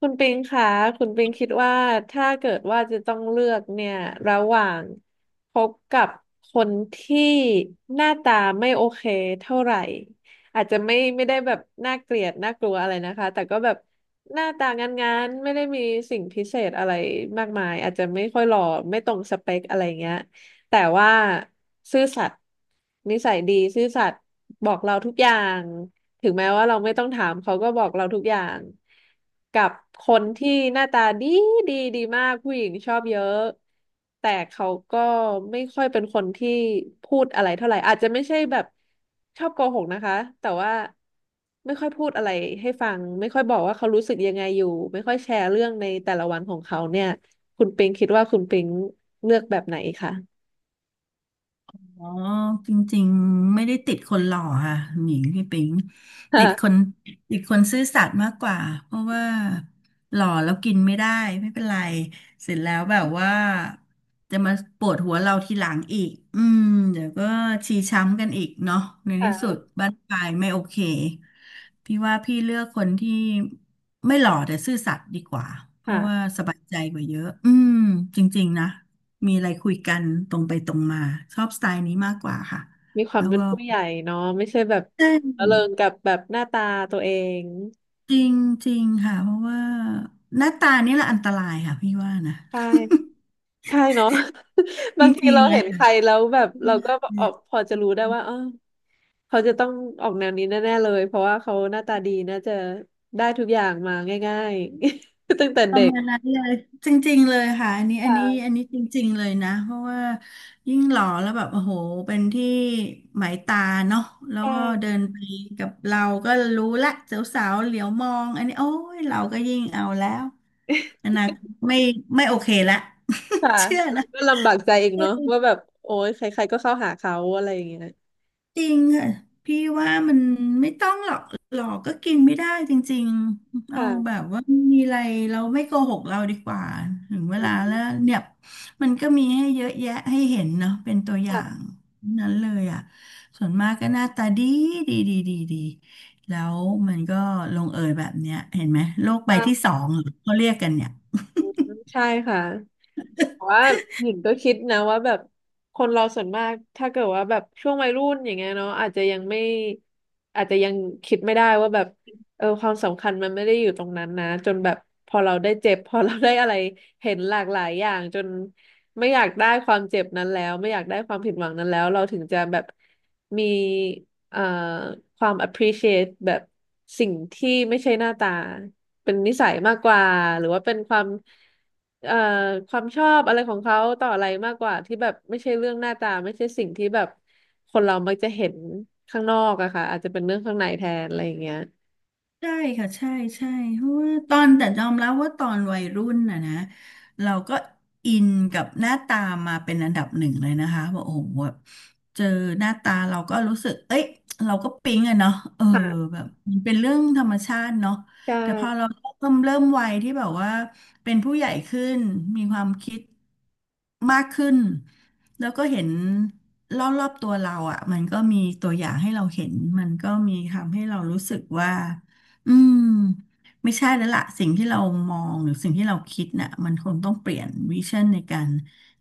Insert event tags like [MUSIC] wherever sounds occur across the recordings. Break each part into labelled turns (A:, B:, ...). A: คุณปิงคะคุณปิงคิดว่าถ้าเกิดว่าจะต้องเลือกเนี่ยระหว่างคบกับคนที่หน้าตาไม่โอเคเท่าไหร่อาจจะไม่ได้แบบน่าเกลียดน่ากลัวอะไรนะคะแต่ก็แบบหน้าตางานๆไม่ได้มีสิ่งพิเศษอะไรมากมายอาจจะไม่ค่อยหล่อไม่ตรงสเปคอะไรเงี้ยแต่ว่าซื่อสัตย์นิสัยดีซื่อสัตย์บอกเราทุกอย่าง ถึงแม้ว่าเราไม่ต้องถามเขาก็บอกเราทุกอย่างกับคนที่หน้าตาดีดีมากผู้หญิงชอบเยอะแต่เขาก็ไม่ค่อยเป็นคนที่พูดอะไรเท่าไหร่อาจจะไม่ใช่แบบชอบโกหกนะคะแต่ว่าไม่ค่อยพูดอะไรให้ฟังไม่ค่อยบอกว่าเขารู้สึกยังไงอยู่ไม่ค่อยแชร์เรื่องในแต่ละวันของเขาเนี่ยคุณปิงคิดว่าคุณปิงเลือกแบบไหนคะ
B: อ๋อจริงๆไม่ได้ติดคนหล่อค่ะหนิงพี่ปิง
A: [LAUGHS] ค่ะ
B: ติดคนซื่อสัตย์มากกว่าเพราะว่าหล่อแล้วกินไม่ได้ไม่เป็นไรเสร็จแล้วแบบว่าจะมาปวดหัวเราทีหลังอีกเดี๋ยวก็ชีช้ำกันอีกเนาะในที่สุดบ้านปลายไม่โอเคพี่ว่าพี่เลือกคนที่ไม่หล่อแต่ซื่อสัตย์ดีกว่าเพราะว่า
A: ค่ะ
B: สบายใจกว่าเยอะจริงๆนะ มีอะไรคุยกันตรงไปตรงมาชอบสไตล์นี้มากกว่าค่ะ
A: มีความ
B: แล้ว
A: เป็น
B: ก็
A: ผู้ใหญ่เนาะไม่ใช่แบบ
B: ใช
A: ระเริง
B: ่
A: กับแบบหน้าตาตัวเอง
B: จริงจริงค่ะเพราะว่าหน้าตานี่แหละอันตรายค่ะพี่ว่านะ
A: ใช่ใช่เนาะ [LAUGHS]
B: [LAUGHS] จ
A: บางที
B: ริง
A: เรา
B: ๆเล
A: เห็
B: ย
A: นใคร
B: ค่
A: แล้วแบบเราก็ออกพอจะรู้ได้ว่า
B: ะ
A: เออเขาจะต้องออกแนวนี้แน่ๆเลยเพราะว่าเขาหน้าตาดีน่าจะได้ทุกอย่างมาง่ายๆ [LAUGHS] ตั้งแต่
B: ป
A: เด็
B: ระ
A: ก
B: มาณนั้นเลยจริงๆเลยค่ะ
A: ค่ะ
B: อันนี้จริงๆเลยนะเพราะว่ายิ่งหล่อแล้วแบบโอ้โหเป็นที่หมายตาเนาะแล้ว
A: ใช่
B: ก็เดินไปกับเราก็รู้ละสาวๆเหลียวมองอันนี้โอ้ยเราก็ยิ่งเอาแล้วอนาคตไม่โอเคละ
A: ค่ะ
B: [LAUGHS] เชื่อ
A: แล้ว
B: นะ
A: ก็ลำบากใจอีกเนาะว่าแบบโอ้ยใครๆก็เข้าหาเขาอะไรอย่างเงี้ย
B: จริงค่ะพี่ว่ามันไม่ต้องหรอกหลอกก็กินไม่ได้จริงๆเอาแบ
A: ค่ะ
B: บว่ามีอะไรเราไม่โกหกเราดีกว่าถึงเว
A: วั
B: ลา
A: นนี้
B: แล้วเนี่ยมันก็มีให้เยอะแยะให้เห็นเนาะเป็นตัวอย่าง
A: ค่ะ
B: นั้นเลยอ่ะส่วนมากก็หน้าตาดีแล้วมันก็ลงเอยแบบเนี้ยเห็นไหมโลกใบที่ส
A: ค่ะ
B: องเหรอเขาเรียกกันเนี่ย
A: ใช่ค่ะ แต่ว่าหญิงก็คิดนะว่าแบบคนเราส่วนมากถ้าเกิดว่าแบบช่วงวัยรุ่นอย่างเงี้ยเนาะอาจจะยังไม่อาจจะยังคิดไม่ได้ว่าแบบเออความสำคัญมันไม่ได้อยู่ตรงนั้นนะจนแบบพอเราได้เจ็บพอเราได้อะไรเห็นหลากหลายอย่างจนไม่อยากได้ความเจ็บนั้นแล้วไม่อยากได้ความผิดหวังนั้นแล้วเราถึงจะแบบมี เอ่อความ appreciate แบบสิ่งที่ไม่ใช่หน้าตาเป็นนิสัยมากกว่าหรือว่าเป็นความเอ่อความชอบอะไรของเขาต่ออะไรมากกว่าที่แบบไม่ใช่เรื่องหน้าตาไม่ใช่สิ่งที่แบบคนเรามักจะเห็นข้างนอกอะค่ะอาจจะเป็นเรื่องข้างในแทนอะไรอย่างเงี้ย
B: ใช่ค่ะใช่ใช่เพราะว่าตอนแต่ยอมรับว่าตอนวัยรุ่นน่ะนะเราก็อินกับหน้าตามาเป็นอันดับหนึ่งเลยนะคะบอกโอ้โหแบบเจอหน้าตาเราก็รู้สึกเอ้ยเราก็ปิ๊งอะเนาะเออ
A: ค่ะ
B: แบบมันเป็นเรื่องธรรมชาติเนาะ
A: ใช่
B: แต่พอเราเริ่มวัยที่แบบว่าเป็นผู้ใหญ่ขึ้นมีความคิดมากขึ้นแล้วก็เห็นรอบๆตัวเราอ่ะมันก็มีตัวอย่างให้เราเห็นมันก็มีทำให้เรารู้สึกว่า อืมไม่ใช่แล้วล่ะสิ่งที่เรามองหรือสิ่งที่เราคิดน่ะมันคงต้องเปลี่ยนวิชั่นในการ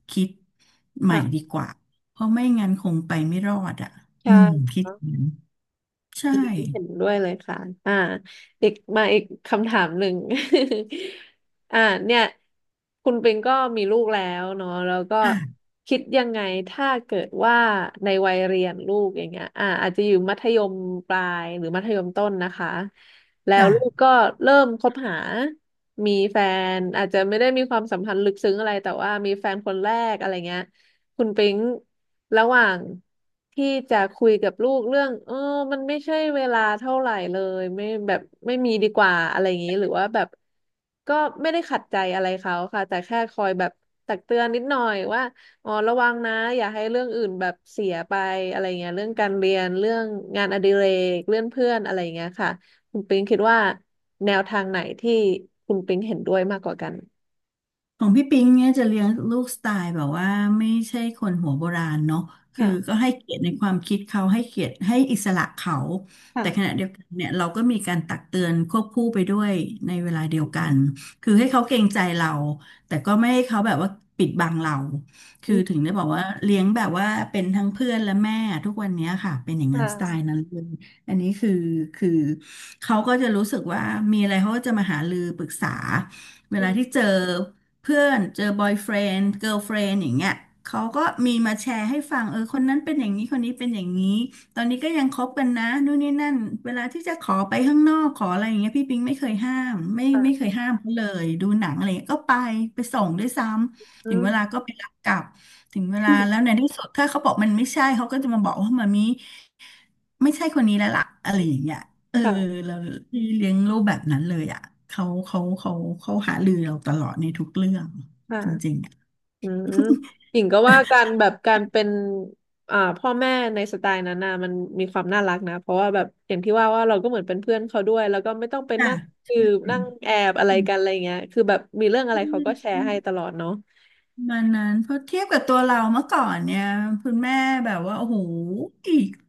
B: คิดใหม่
A: ค่ะ
B: ดีกว่าเพราะไม่งั้นคงไปไม่รอดอ่ะอืม
A: ใช่
B: คิดอย่างนั้นใช่
A: เห็นด้วยเลยค่ะอ่าอีกมาอีกคำถามหนึ่ง [LAUGHS] อ่าเนี่ย คุณปิงก็มีลูกแล้วเนาะแล้วก็
B: ค่ะ
A: คิดยังไง ถ้าเกิดว่าในวัยเรียนลูกอย่างเงี้ยอ่าอาจจะอยู่มัธยมปลายหรือมัธยมต้นนะคะ แล้ว
B: จ้ะ
A: ลูกก็เริ่มคบหา มีแฟน อาจจะไม่ได้มีความสัมพันธ์ลึกซึ้งอะไร แต่ว่ามีแฟนคนแรกอะไรเงี้ย คุณปิ๊งระหว่างที่จะคุยกับลูกเรื่องเออมันไม่ใช่เวลาเท่าไหร่เลยไม่แบบไม่มีดีกว่าอะไรอย่างนี้หรือว่าแบบก็ไม่ได้ขัดใจอะไรเขาค่ะแต่แค่คอยแบบตักเตือนนิดหน่อยว่าอ๋อระวังนะอย่าให้เรื่องอื่นแบบเสียไปอะไรเงี้ยเรื่องการเรียนเรื่องงานอดิเรกเรื่องเพื่อนอะไรเงี้ยค่ะคุณปิ๊งคิดว่าแนวทางไหนที่คุณปิ๊งเห็นด้วยมากกว่ากัน
B: ของพี่ปิงเนี่ยจะเลี้ยงลูกสไตล์แบบว่าไม่ใช่คนหัวโบราณเนาะคือก็
A: ค่ะ
B: ให้เกียรติในความคิดเขาให้เกียรติให้อิสระเขาแต่ขณะ
A: ค่ะ
B: เดียวกันเนี่ยเราก็มีการตักเตือนควบคู่ไปด้วยในเวลาเดียว
A: อื
B: กัน
A: ม
B: คือให้เขาเกรงใจเราแต่ก็ไม่ให้เขาแบบว่าปิดบังเราคือถึงได้บอกว่าเลี้ยงแบบว่าเป็นทั้งเพื่อนและแม่ทุกวันเนี้ยค่ะเป็นอย่าง
A: ค
B: นั้นสไตล์
A: ่ะ
B: นั้นเลยอันนี้คือเขาก็จะรู้สึกว่ามีอะไรเขาก็จะมาหารือปรึกษาเวลาที่เจอ เพื่อนเจอบอยเฟรนด์เกิร์ลเฟรนด์อย่างเงี้ยเขาก็มีมาแชร์ให้ฟังเออคนนั้นเป็นอย่างนี้คนนี้เป็นอย่างนี้ตอนนี้ก็ยังคบกันนะนู่นนี่นั่นเวลาที่จะขอไปข้างนอกขออะไรอย่างเงี้ยพี่ปิงไม่เคยห้ามไม่เค
A: ค่ะ
B: ยห้ามเขาเลยดูหนังอะไรเงี้ยก็ไปไปส่งด้วยซ้ำถึง
A: อื
B: เวลา
A: ม
B: ก็ไปรับกลับถึงเวลาแล้วในที่สุดถ้าเขาบอกมันไม่ใช่เขาก็จะมาบอกว่ามามีไม่ใช่คนนี้แล้วล่ะอะไรอย่างเงี้ย เออ
A: ค่ะ
B: เราที่เลี้ยงลูกแบบนั้นเลยอ่ะเขาเขาเขาเขาหารือเราตลอดในทุกเรื่องจริง
A: ค่ะ
B: ๆอ
A: อืมหญิงก็ว่า
B: ่ะ
A: การแบบการเป็นอ่าพ่อแม่ในสไตล์นั้นน่ะมันมีความน่ารักนะ เพราะว่าแบบอย่างที่ว่าว่าเราก็เหมือนเป็นเพื่อนเขาด้วย แล้วก็ไม่ต้องไป
B: [LAUGHS] จ้ะ
A: นั่งสื
B: ใ
A: บนั่งแอบอะไรกันอะไรเงี้ยคือแบบมีเรื่องอะไรเขาก็แชร์ให้ต
B: ช่
A: ลอดเนาะ
B: ประมาณนั้นเพราะเทียบกับตัวเราเมื่อก่อนเนี่ยคุณแม่แบบว่าโอ้โห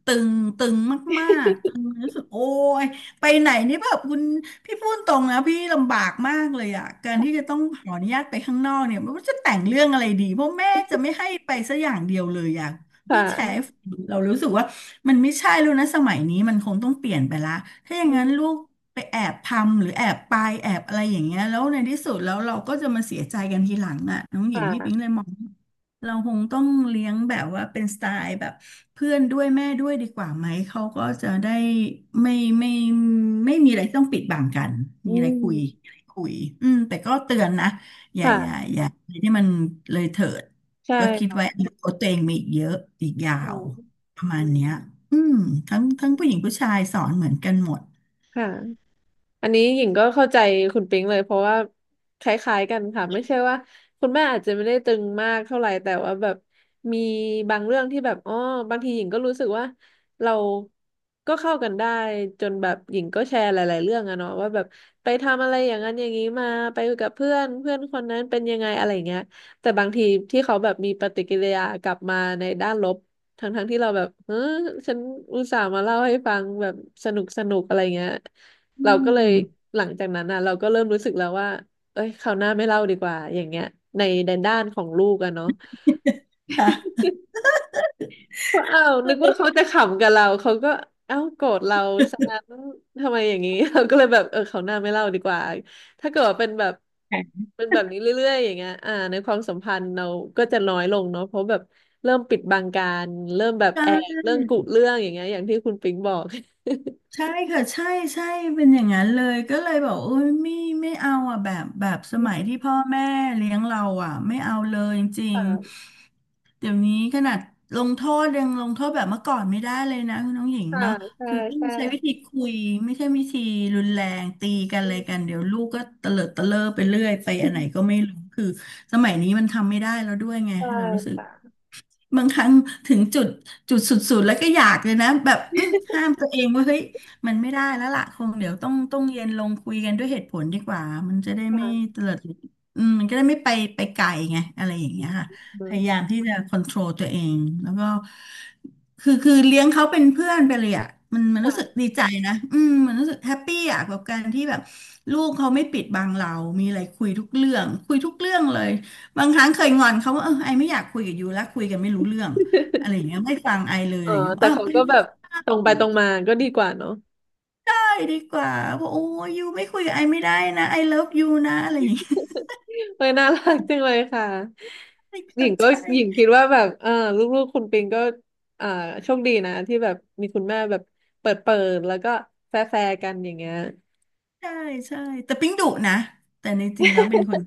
B: ตึงตึงมากๆตึงรู้สึกโอ้ยไปไหนนี่แบบคุณพี่พูดตรงนะพี่ลำบากมากเลยอ่ะการที่จะต้องขออนุญาตไปข้างนอกเนี่ยไม่รู้จะแต่งเรื่องอะไรดีเพราะแม่จะไม่ให้ไปสักอย่างเดียวเลยอ่ะ
A: [LAUGHS]
B: พี่แชร์
A: ค่ะ
B: ให้ฟังเรารู้สึกว่ามันไม่ใช่แล้วนะสมัยนี้มันคงต้องเปลี่ยนไปละถ้าอย่า
A: อื
B: งนั้
A: ม
B: นลูก ไปแอบทำหรือแอบไปแอบอะไรอย่างเงี้ยแล้วในที่สุดแล้วเราก็จะมาเสียใจกันทีหลังอ่ะน้องห
A: ค
B: ญิงพี่ปิ๊งเล
A: ่ะ
B: ยมองว่าเราคงต้องเลี้ยงแบบว่าเป็นสไตล์แบบเพื่อนด้วยแม่ด้วยดีกว่าไหมเขาก็จะได้ไม่ไม่ไม่มีอะไรต้องปิดบังกัน
A: อื
B: มีอะไรคุย
A: ม
B: มีอะไรคุยอืมแต่ก็เตือนนะ
A: ค่ะ
B: อย่าอะไรที่มันเลยเถิด
A: ใช่
B: ก็คิดไว้
A: ค่ะ
B: อาตตัวเองมีอีกเยอะอีกยาวประมาณเนี้ยอืมทั้งผู้หญิงผู้ชายสอนเหมือนกันหมด
A: ค่ะ อันนี้หญิงก็เข้าใจคุณปิงเลยเพราะว่าคล้ายๆกันค่ะไม่ใช่ว่าคุณแม่อาจจะไม่ได้ตึงมากเท่าไหร่แต่ว่าแบบมีบางเรื่องที่แบบอ๋อบางทีหญิงก็รู้สึกว่าเราก็เข้ากันได้จนแบบหญิงก็แชร์หลายๆเรื่องอะเนาะว่าแบบไปทำอะไรอย่างนั้นอย่างนี้มาไปกับเพื่อนเพื่อนคนนั้นเป็นยังไงอะไรอย่างเงี้ยแต่บางทีที่เขาแบบมีปฏิกิริยากลับมาในด้านลบทั้งๆที่เราแบบเออฉันอุตส่าห์มาเล่าให้ฟังแบบสนุกสนุกอะไรเงี้ย
B: อื
A: เราก็เลย
B: ม
A: หลังจากนั้นอ่ะเราก็เริ่มรู้สึกแล้วว่าเอ้ยคราวหน้าไม่เล่าดีกว่าอย่างเงี้ยในในด้านของลูกอะเนาะ
B: ค่ะ
A: ว่าอ้าว
B: ก็
A: นึก
B: เล
A: ว่า
B: ย
A: เขาจะขำกับเราเขาก็เอ้าโกรธเราซะงั้นทำไมอย่างนี้ [LAUGHS] เราก็เลยแบบเออคราวหน้าไม่เล่าดีกว่าถ้าเกิดว่าเป็นแบบ
B: ค่ะ
A: เป็นแบบนี้เรื่อยๆอย่างเงี้ยอ่าในความสัมพันธ์เราก็จะน้อยลงเนาะเพราะแบบเริ่มปิดบังการเริ่มแบบแอบเรื่องกุเรื่องอย่างเงี้ยอย่างที่คุณปิงบอก
B: ใช่ใช่ค่ะใช่ใช่เป็นอย่างนั้นเลยก็เลยบอกโอ้ยไม่เอาอ่ะแบบสมัยที่
A: [LAUGHS]
B: พ่อแม่เลี้ยงเราอ่ะไม่เอาเลยจริง
A: ค่ะ
B: ๆเดี๋ยวนี้ขนาดลงโทษยังลงโทษแบบเมื่อก่อนไม่ได้เลยนะคุณน้องหญิง
A: ค่ะ
B: เนาะ
A: ใช่
B: คือต้อง
A: ใช่
B: ใช้วิธีคุยไม่ใช่วิธีรุนแรงตีกัน
A: อื
B: อะไรกันเดี๋ยว
A: ม
B: ลูกก็เตลิดเตะเลอไปเรื่อยไปอันไหนก็ไม่รู้คือสมัยนี้มันทำไม่ได้แล้วด้วยไง
A: ใช่
B: เรารู้สึก
A: ค่ะ
B: บางครั้งถึงจุดจุดสุดๆแล้วก็อยากเลยนะแบบอื้อห้ามตัวเองว่าเฮ้ยมันไม่ได้แล้วล่ะคงเดี๋ยวต้องเย็นลงคุยกันด้วยเหตุผลดีกว่ามันจะได้ไม่
A: ค่ะ
B: เตลิดอืมมันก็ได้ไม่ไปไกลไงอะไรอย่างเงี้ยค่ะ
A: อื
B: พ
A: ม
B: ยายามที่จะcontrol ตัวเองแล้วก็คือเลี้ยงเขาเป็นเพื่อนไปเลยอ่ะมันรู้สึก
A: ค่ะ
B: ดีใจนะอืมมันรู้สึกแฮปปี้อ่ะกับการที่แบบลูกเขาไม่ปิดบังเรา มีอะไรคุยทุกเรื่องคุยทุกเรื่องเลย บางครั้งเคยงอนเขาว่าเออไอไม่อยากคุยกับยูแล้วคุยกันไม่รู้เรื่องอะไรอย่างเงี้ยไม่ฟังไอเลย
A: เอ
B: อะ
A: อ
B: ไรอย่างเงี้ย
A: แต่
B: อ้าว
A: เขา
B: ไป
A: ก็แบบตรงไปตรงมาก็ดีกว่าเนาะ
B: ได้ดีกว่าบอกะโอ้ยยูไม่คุยกับไอไม่ได้นะไอเลิฟยูนะอะไรอย่างเงี้ย
A: เออน่ารักจังเลยค่ะหญิง
B: [LAUGHS]
A: ก็
B: ใช่
A: หญิงคิดว่าแบบเออลูกๆคุณปิงก็อ่าโชคดีนะที่แบบมีคุณแม่แบบเปิดเปิดแล้วก็แฟร์แฟร์กันอย่างเงี้ย
B: ใช่ใช่แต่ปิ๊งดุนะแต่ในจริงแล้วเป็นคน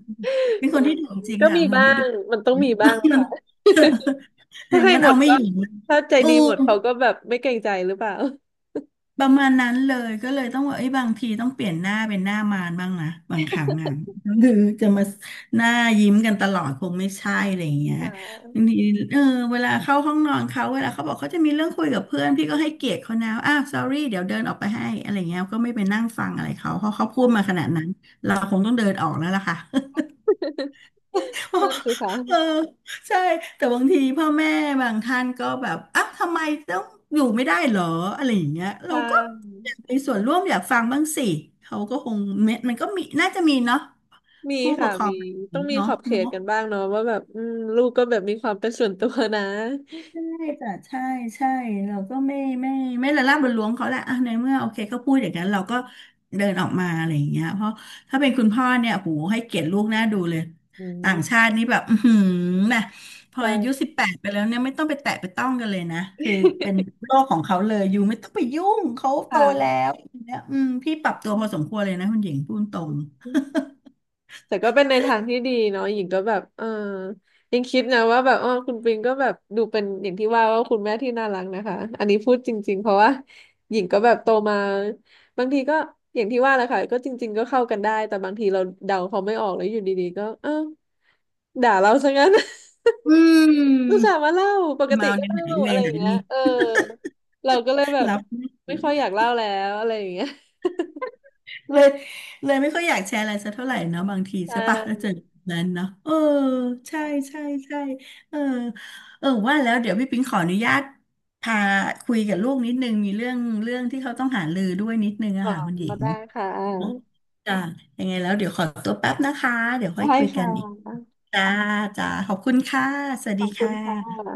B: เป็น
A: เอ
B: ค
A: อ
B: นที่ดุจริง
A: ก็
B: ค่ะ
A: มี
B: เป็นคน
A: บ้า
B: ที่
A: ง
B: ดุ
A: มันต้องมีบ้างค่ะ
B: [LAUGHS] อ
A: ถ้า
B: ย่าง
A: ให้
B: งั้น
A: หม
B: เอา
A: ด
B: ไม่
A: ก็
B: อยู่นะ
A: ถ้าใจ
B: โอ้
A: ดีหมดเขาก็แบบไม่เกรงใจหรือเปล่า
B: ประมาณนั้นเลยก็เลยต้องว่าไอ้ยบางทีต้องเปลี่ยนหน้าเป็นหน้ามารบ้างนะบางครั้งอ่ะคือจะมาหน้ายิ้มกันตลอดคงไม่ใช่อะไรอย่างเงี้ย
A: ค่
B: บาง
A: ะ
B: ทีเออเวลาเข้าห้องนอนเขาเวลาเขาบอกเขาจะมีเรื่องคุยกับเพื่อนพี่ก็ให้เกียรติเขานะอ้าว sorry เดี๋ยวเดินออกไปให้อะไรเงี้ยก็ไม่ไปนั่งฟังอะไรเขาเพราะเขาพูดมาข
A: ค่ะ
B: นาดนั้นเราคงต้องเดินออกแล้วล่ะค่ะ
A: นั่น
B: [LAUGHS]
A: สิคะ
B: เออใช่แต่บางทีพ่อแม่บางท่านก็แบบอ่ะทำไมต้องอยู่ไม่ได้เหรออะไรอย่างเงี้ยเรา
A: ค่
B: ก็อยาก
A: ะ
B: มีส่วนร่วมอยากฟังบ้างสิเขาก็คงมันก็มีน่าจะมีเนาะ
A: มี
B: ผู้ป
A: ค่ะ
B: กครอง
A: มี
B: แบบ
A: ต้อ
B: นั้
A: ง
B: น
A: มี
B: เนาะ
A: ขอบเข
B: เนาะ
A: ตกันบ้างเนาะว่าแบบอืมลูกก็แบบมีความเป็นส่วนตัวนะ
B: ใช่จ้ะใช่ใช่เราก็ไม่ไม่ละล่ำละล้วงเขาแหละอ่ะในเมื่อโอเคก็พูดอย่างนั้นเราก็เดินออกมาอะไรอย่างเงี้ยเพราะถ้าเป็นคุณพ่อเนี่ยโหให้เกียรติลูกน่าดูเลย
A: อื
B: ต่าง
A: ม
B: ชาตินี่แบบอือหือนะพออายุ
A: ใช่
B: 18ไปแล้วเนี่ยไม่ต้องไปแตะไปต้องกันเลยนะคือเป็นโลกของเขาเลยอยู่ไม่ต้องไปยุ่งเขาโตแล้
A: ค่ะ
B: วอย่างเนี่ยอืมพี่ปรับตัว
A: อื
B: พอสมค
A: ม
B: วรเลยนะคุณหญิงพูดตรง
A: แต่ก็เป็นในทางที่ดีเนาะหญิงก็แบบเออยังคิดนะว่าแบบอ๋อคุณปิงก็แบบดูเป็นอย่างที่ว่าว่าคุณแม่ที่น่ารักนะคะอันนี้พูดจริงๆเพราะว่าหญิงก็แบบโตมาบางทีก็อย่างที่ว่าแหละค่ะก็จริงๆก็เข้ากันได้แต่บางทีเราเดาเขาไม่ออกแล้วอยู่ดีๆก็เออด่าเราซะงั้น
B: อืม
A: อุตส่าห์มาเล่าปกติ
B: มา
A: ก็
B: ในไหน
A: เล่า
B: เว
A: อะไรอ
B: ไหน
A: ย่างเงี้ย
B: นี่
A: เออเราก็เลยแบบ
B: รับ
A: ไม่ค่อยอยากเล่าแล้วอะไรอย่างเงี้ย
B: เลยเลยไม่ค่อยอยากแชร์อะไรสักเท่าไหร่เนาะบางที
A: ใช
B: ใช่ปะแล้ว
A: ่
B: เจอแบบนั้นเนาะเออ
A: ข
B: ใช่
A: อ
B: ใช่ใช่เออเออว่าแล้วเดี๋ยวพี่ปิ๊งขออนุญาตพาคุยกับลูกนิดนึงมีเรื่องที่เขาต้องหารือด้วยนิดนึงอะค่ะ
A: ง
B: คุณหญิ
A: ก็
B: ง
A: ได้ค่ะไ
B: เนาะ
A: ด
B: จ้ะยังไงแล้วเดี๋ยวขอตัวแป๊บนะคะเดี๋ยวค่อย
A: ้
B: คุยกั
A: ค่
B: นอีก
A: ะ
B: จ้าจ้าขอบคุณค่ะสวัส
A: ข
B: ดี
A: อบคุ
B: ค่
A: ณค่ะ
B: ะ